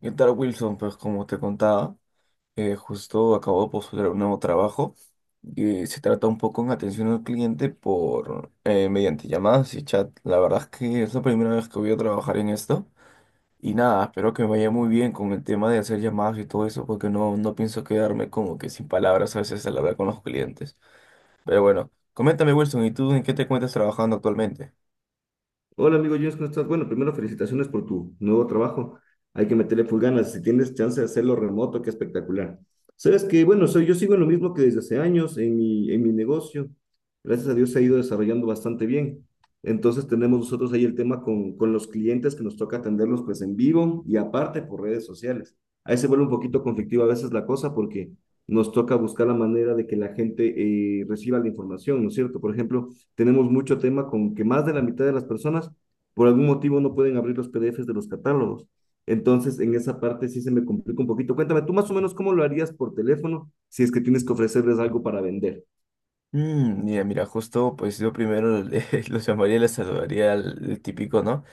¿Qué tal, Wilson? Pues como te contaba, justo acabo de postular un nuevo trabajo que se trata un poco en atención al cliente por mediante llamadas y chat. La verdad es que es la primera vez que voy a trabajar en esto y nada, espero que me vaya muy bien con el tema de hacer llamadas y todo eso porque no, no pienso quedarme como que sin palabras a veces al hablar con los clientes. Pero bueno, coméntame, Wilson, ¿y tú en qué te encuentras trabajando actualmente? Hola amigo James, ¿cómo estás? Bueno, primero felicitaciones por tu nuevo trabajo. Hay que meterle full ganas. Si tienes chance de hacerlo remoto, qué espectacular. Sabes que, bueno, yo sigo en lo mismo que desde hace años en mi negocio. Gracias a Dios se ha ido desarrollando bastante bien. Entonces tenemos nosotros ahí el tema con los clientes que nos toca atenderlos pues en vivo y aparte por redes sociales. Ahí se vuelve un poquito conflictiva a veces la cosa porque nos toca buscar la manera de que la gente reciba la información, ¿no es cierto? Por ejemplo, tenemos mucho tema con que más de la mitad de las personas por algún motivo no pueden abrir los PDFs de los catálogos. Entonces, en esa parte sí se me complica un poquito. Cuéntame, tú más o menos cómo lo harías por teléfono si es que tienes que ofrecerles algo para vender. Mm, mira, justo pues yo primero los llamaría, les saludaría al el típico, ¿no?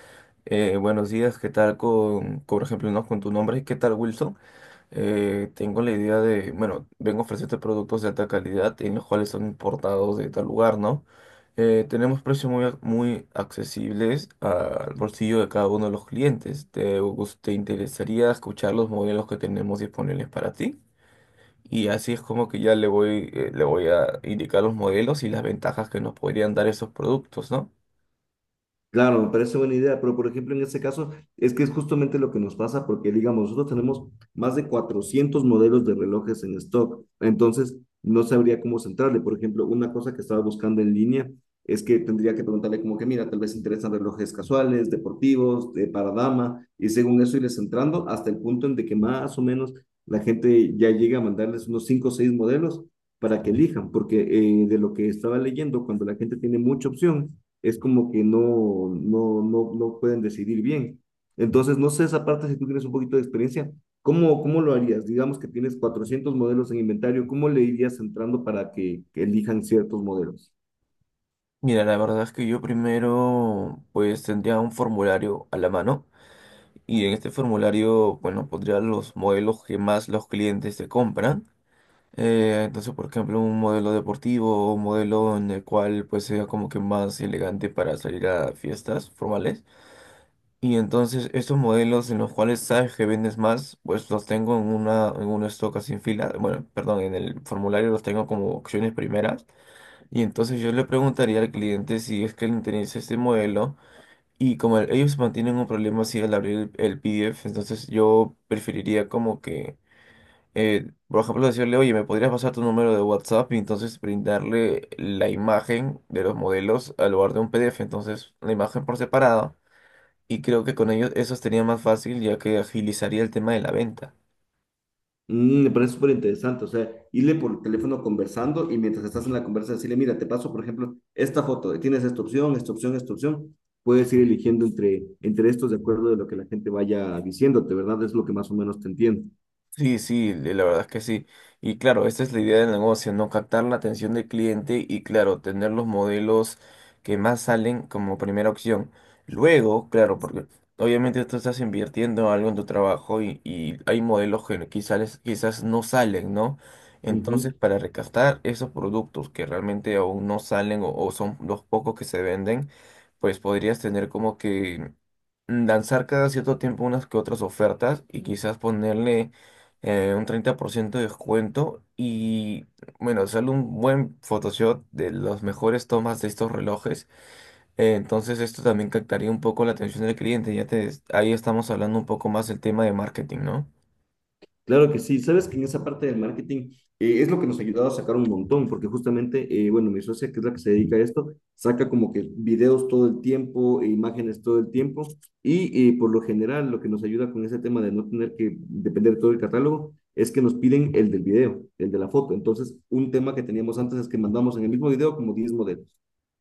Buenos días, ¿qué tal con, por ejemplo, no, con tu nombre? ¿Qué tal, Wilson? Tengo la idea de, bueno, vengo a ofrecerte productos de alta calidad en los cuales son importados de tal lugar, ¿no? Tenemos precios muy, muy accesibles al bolsillo de cada uno de los clientes. ¿Te, te interesaría escuchar los modelos que tenemos disponibles para ti? Y así es como que ya le voy a indicar los modelos y las ventajas que nos podrían dar esos productos, ¿no? Claro, me parece buena idea, pero por ejemplo en ese caso es que es justamente lo que nos pasa porque digamos, nosotros tenemos más de 400 modelos de relojes en stock, entonces no sabría cómo centrarle. Por ejemplo, una cosa que estaba buscando en línea es que tendría que preguntarle como que, mira, tal vez interesan relojes casuales, deportivos, de para dama, y según eso irles centrando hasta el punto en de que más o menos la gente ya llega a mandarles unos 5 o 6 modelos para que elijan, porque de lo que estaba leyendo, cuando la gente tiene mucha opción, es como que no pueden decidir bien. Entonces, no sé esa parte, si tú tienes un poquito de experiencia, ¿ cómo lo harías? Digamos que tienes 400 modelos en inventario, ¿cómo le irías entrando que elijan ciertos modelos? Mira, la verdad es que yo primero pues tendría un formulario a la mano y en este formulario, bueno, pondría los modelos que más los clientes te compran. Entonces, por ejemplo, un modelo deportivo o un modelo en el cual pues sea como que más elegante para salir a fiestas formales. Y entonces estos modelos en los cuales sabes que vendes más, pues los tengo en una, en un stock así en fila. Bueno, perdón, en el formulario los tengo como opciones primeras. Y entonces yo le preguntaría al cliente si es que le interesa este modelo. Y como ellos mantienen un problema así al abrir el PDF, entonces yo preferiría como que, por ejemplo, decirle, oye, ¿me podrías pasar tu número de WhatsApp? Y entonces brindarle la imagen de los modelos al lugar de un PDF. Entonces, la imagen por separado. Y creo que con ellos eso sería más fácil ya que agilizaría el tema de la venta. Mm, me parece súper interesante, o sea, irle por teléfono conversando y mientras estás en la conversa decirle, mira, te paso, por ejemplo, esta foto, tienes esta opción, esta opción, esta opción, puedes ir eligiendo entre estos de acuerdo de lo que la gente vaya diciéndote, ¿verdad? Es lo que más o menos te entiendo. Sí, sí, la verdad es que sí. Y claro, esta es la idea del negocio, ¿no? Captar la atención del cliente y claro, tener los modelos que más salen como primera opción. Luego, claro, porque obviamente tú estás invirtiendo algo en tu trabajo y hay modelos que quizás, quizás no salen, ¿no? Entonces, Ujú. para recastar esos productos que realmente aún no salen o son los pocos que se venden, pues podrías tener como que lanzar cada cierto tiempo unas que otras ofertas y quizás ponerle un 30% de descuento y bueno, sale un buen Photoshop de las mejores tomas de estos relojes. Entonces esto también captaría un poco la atención del cliente. Ya te, ahí estamos hablando un poco más del tema de marketing, ¿no? Claro que sí, sabes que en esa parte del marketing es lo que nos ha ayudado a sacar un montón, porque justamente, bueno, mi socia, que es la que se dedica a esto, saca como que videos todo el tiempo, e imágenes todo el tiempo, y por lo general lo que nos ayuda con ese tema de no tener que depender de todo el catálogo es que nos piden el del video, el de la foto. Entonces, un tema que teníamos antes es que mandamos en el mismo video como 10 modelos.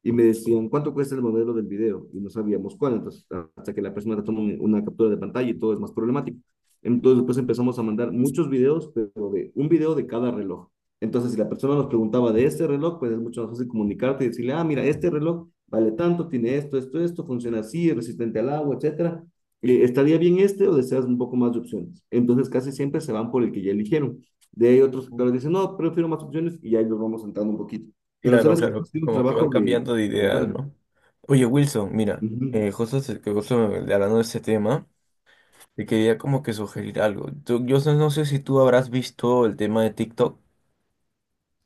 Y me decían, ¿cuánto cuesta el modelo del video? Y no sabíamos cuál. Entonces, hasta que la persona toma una captura de pantalla y todo es más problemático. Entonces, después empezamos a mandar muchos videos, pero de un video de cada reloj. Entonces, si la persona nos preguntaba de este reloj, pues es mucho más fácil comunicarte y decirle, ah, mira, este reloj vale tanto, tiene esto, esto, esto, funciona así, es resistente al agua, etcétera. ¿Estaría bien este o deseas un poco más de opciones? Entonces, casi siempre se van por el que ya eligieron. De ahí otros que dicen, no, prefiero más opciones y ya los vamos sentando un poquito. Pero Claro, sabes que ha claro, sido un como que van trabajo cambiando de de ideas, largo. ¿no? Oye, Wilson, mira, Ujú. Justo, que justo hablando de ese tema. Te quería como que sugerir algo. Yo no sé si tú habrás visto el tema de TikTok.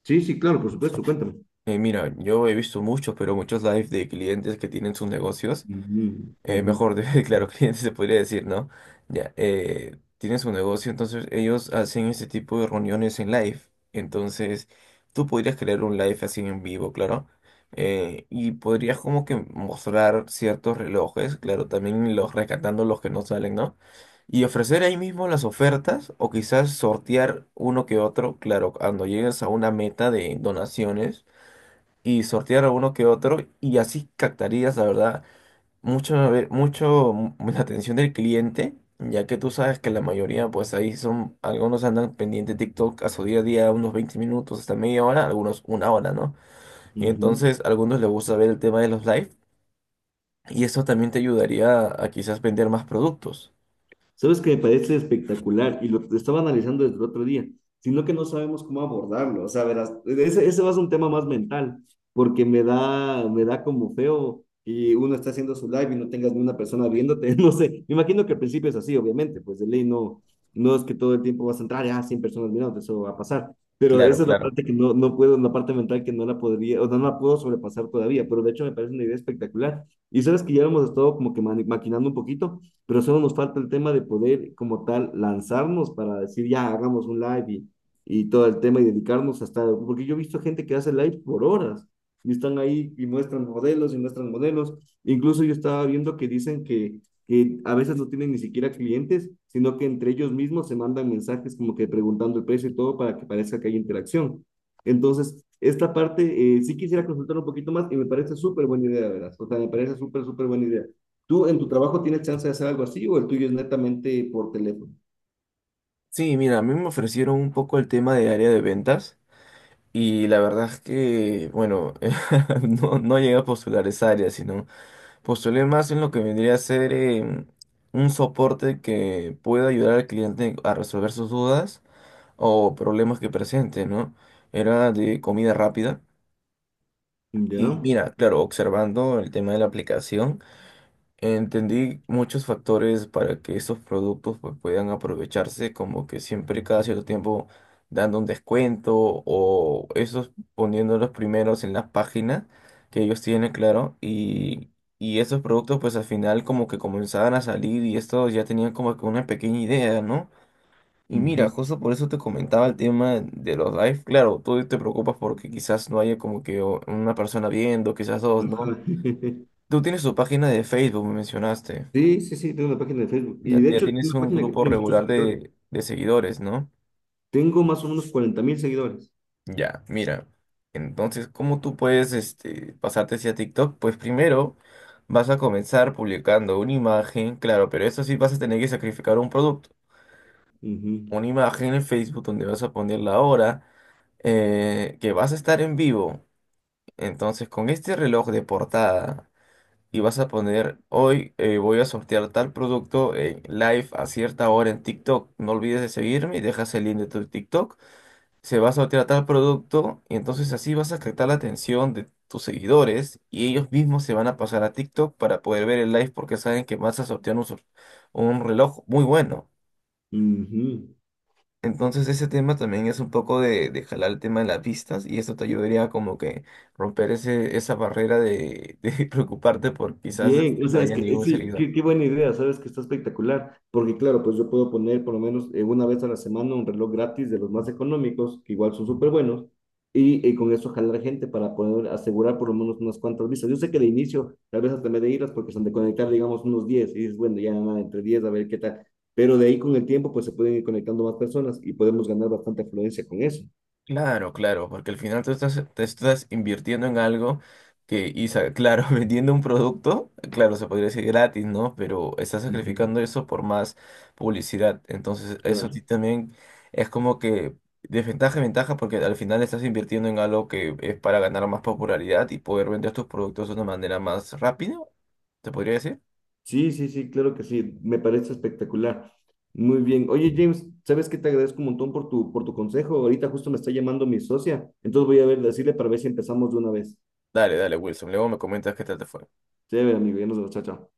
Sí, sí, claro, por supuesto, cuéntame. Mira, yo he visto muchos, pero muchos live de clientes que tienen sus negocios. Ujú, ujú, Mejor, claro, cliente se podría decir, ¿no? Ya, tiene su negocio, entonces ellos hacen este tipo de reuniones en live. Entonces, tú podrías crear un live así en vivo, claro. Y podrías como que mostrar ciertos relojes, claro, también los rescatando los que no salen, ¿no? Y ofrecer ahí mismo las ofertas o quizás sortear uno que otro, claro, cuando llegues a una meta de donaciones y sortear a uno que otro y así captarías, la verdad mucho, la atención del cliente, ya que tú sabes que la mayoría, pues ahí son, algunos andan pendiente de TikTok a su día a día, unos 20 minutos hasta media hora, algunos una hora, ¿no? Y ujú. entonces a algunos les gusta ver el tema de los live y eso también te ayudaría a, quizás vender más productos. ¿Sabes que me parece espectacular? Y lo estaba analizando desde el otro día, sino que no sabemos cómo abordarlo. O sea, verás, ese va a ser un tema más mental, porque me da como feo y uno está haciendo su live y no tengas ni una persona viéndote. No sé, me imagino que al principio es así, obviamente, pues de ley no, no es que todo el tiempo vas a entrar y ah, 100 personas mirándote, eso va a pasar. Pero Claro, esa es la claro. parte que no, no puedo, la parte mental que no la podría, o no la puedo sobrepasar todavía, pero de hecho me parece una idea espectacular. Y sabes que ya lo hemos estado como que maquinando un poquito pero solo nos falta el tema de poder como tal lanzarnos para decir, ya, hagamos un live y todo el tema y dedicarnos hasta, porque yo he visto gente que hace live por horas y están ahí y muestran modelos y muestran modelos. Incluso yo estaba viendo que dicen que a veces no tienen ni siquiera clientes, sino que entre ellos mismos se mandan mensajes como que preguntando el precio y todo para que parezca que hay interacción. Entonces, esta parte sí quisiera consultar un poquito más y me parece súper buena idea, ¿verdad? O sea, me parece súper, súper buena idea. ¿Tú en tu trabajo tienes chance de hacer algo así o el tuyo es netamente por teléfono? Sí, mira, a mí me ofrecieron un poco el tema de área de ventas y la verdad es que, bueno, no, no llegué a postular esa área, sino... Postulé más en lo que vendría a ser un soporte que pueda ayudar al cliente a resolver sus dudas o problemas que presente, ¿no? Era de comida rápida. Y Ya. mira, claro, observando el tema de la aplicación. Entendí muchos factores para que estos productos pues, puedan aprovecharse, como que siempre cada cierto tiempo dando un descuento o esos poniéndolos primeros en las páginas que ellos tienen, claro, y esos productos pues al final como que comenzaban a salir y estos ya tenían como que una pequeña idea, ¿no? Y mira, Ujú. justo por eso te comentaba el tema de los live, claro, tú te preocupas porque quizás no haya como que una persona viendo, quizás dos, ¿no? Ajá. Tú tienes tu página de Facebook, me mencionaste. Sí, sí, sí, tengo una página de Facebook. Y Ya, de ya hecho es tienes una un página que grupo tiene muchos regular seguidores. De seguidores, ¿no? Tengo más o menos 40.000 seguidores. Ya, mira. Entonces, ¿cómo tú puedes este, pasarte hacia TikTok? Pues primero vas a comenzar publicando una imagen, claro, pero eso sí vas a tener que sacrificar un producto. Ujú. Una imagen en Facebook donde vas a poner la hora que vas a estar en vivo. Entonces, con este reloj de portada y vas a poner, hoy voy a sortear tal producto en live a cierta hora en TikTok. No olvides de seguirme y dejas el link de tu TikTok. Se va a sortear tal producto y entonces así vas a captar la atención de tus seguidores y ellos mismos se van a pasar a TikTok para poder ver el live porque saben que vas a sortear un, un reloj muy bueno. Ujú. Entonces ese tema también es un poco de jalar el tema de las vistas y eso te ayudaría como que romper ese, esa barrera de preocuparte por quizás Bien, este, o no sea, es haya que ningún sí, seguidor. qué, qué buena idea, sabes que está espectacular, porque claro, pues yo puedo poner por lo menos una vez a la semana un reloj gratis de los más económicos, que igual son súper buenos, y con eso jalar gente para poder asegurar por lo menos unas cuantas vistas. Yo sé que de inicio tal vez hasta me de iras porque son de conectar, digamos, unos 10 y dices, bueno, ya nada, entre 10 a ver qué tal, pero de ahí con el tiempo pues se pueden ir conectando más personas y podemos ganar bastante afluencia con eso. Claro, claro, porque al final tú estás, te estás invirtiendo en algo que, y, claro, vendiendo un producto, claro, se podría decir gratis, ¿no? Pero estás Ujú. sacrificando eso por más publicidad. Entonces, eso sí Claro. también es como que desventaja y ventaja porque al final estás invirtiendo en algo que es para ganar más popularidad y poder vender tus productos de una manera más rápida, ¿te podría decir? Sí, sí, sí, claro que sí. Me parece espectacular. Muy bien. Oye, James, ¿sabes qué? Te agradezco un montón por por tu consejo. Ahorita justo me está llamando mi socia. Entonces voy a ver, decirle para ver si empezamos de una vez. Dale, dale, Wilson, luego me comentas qué tal te fue. Chévere, amigo. Ya nos vemos. Chao, chao.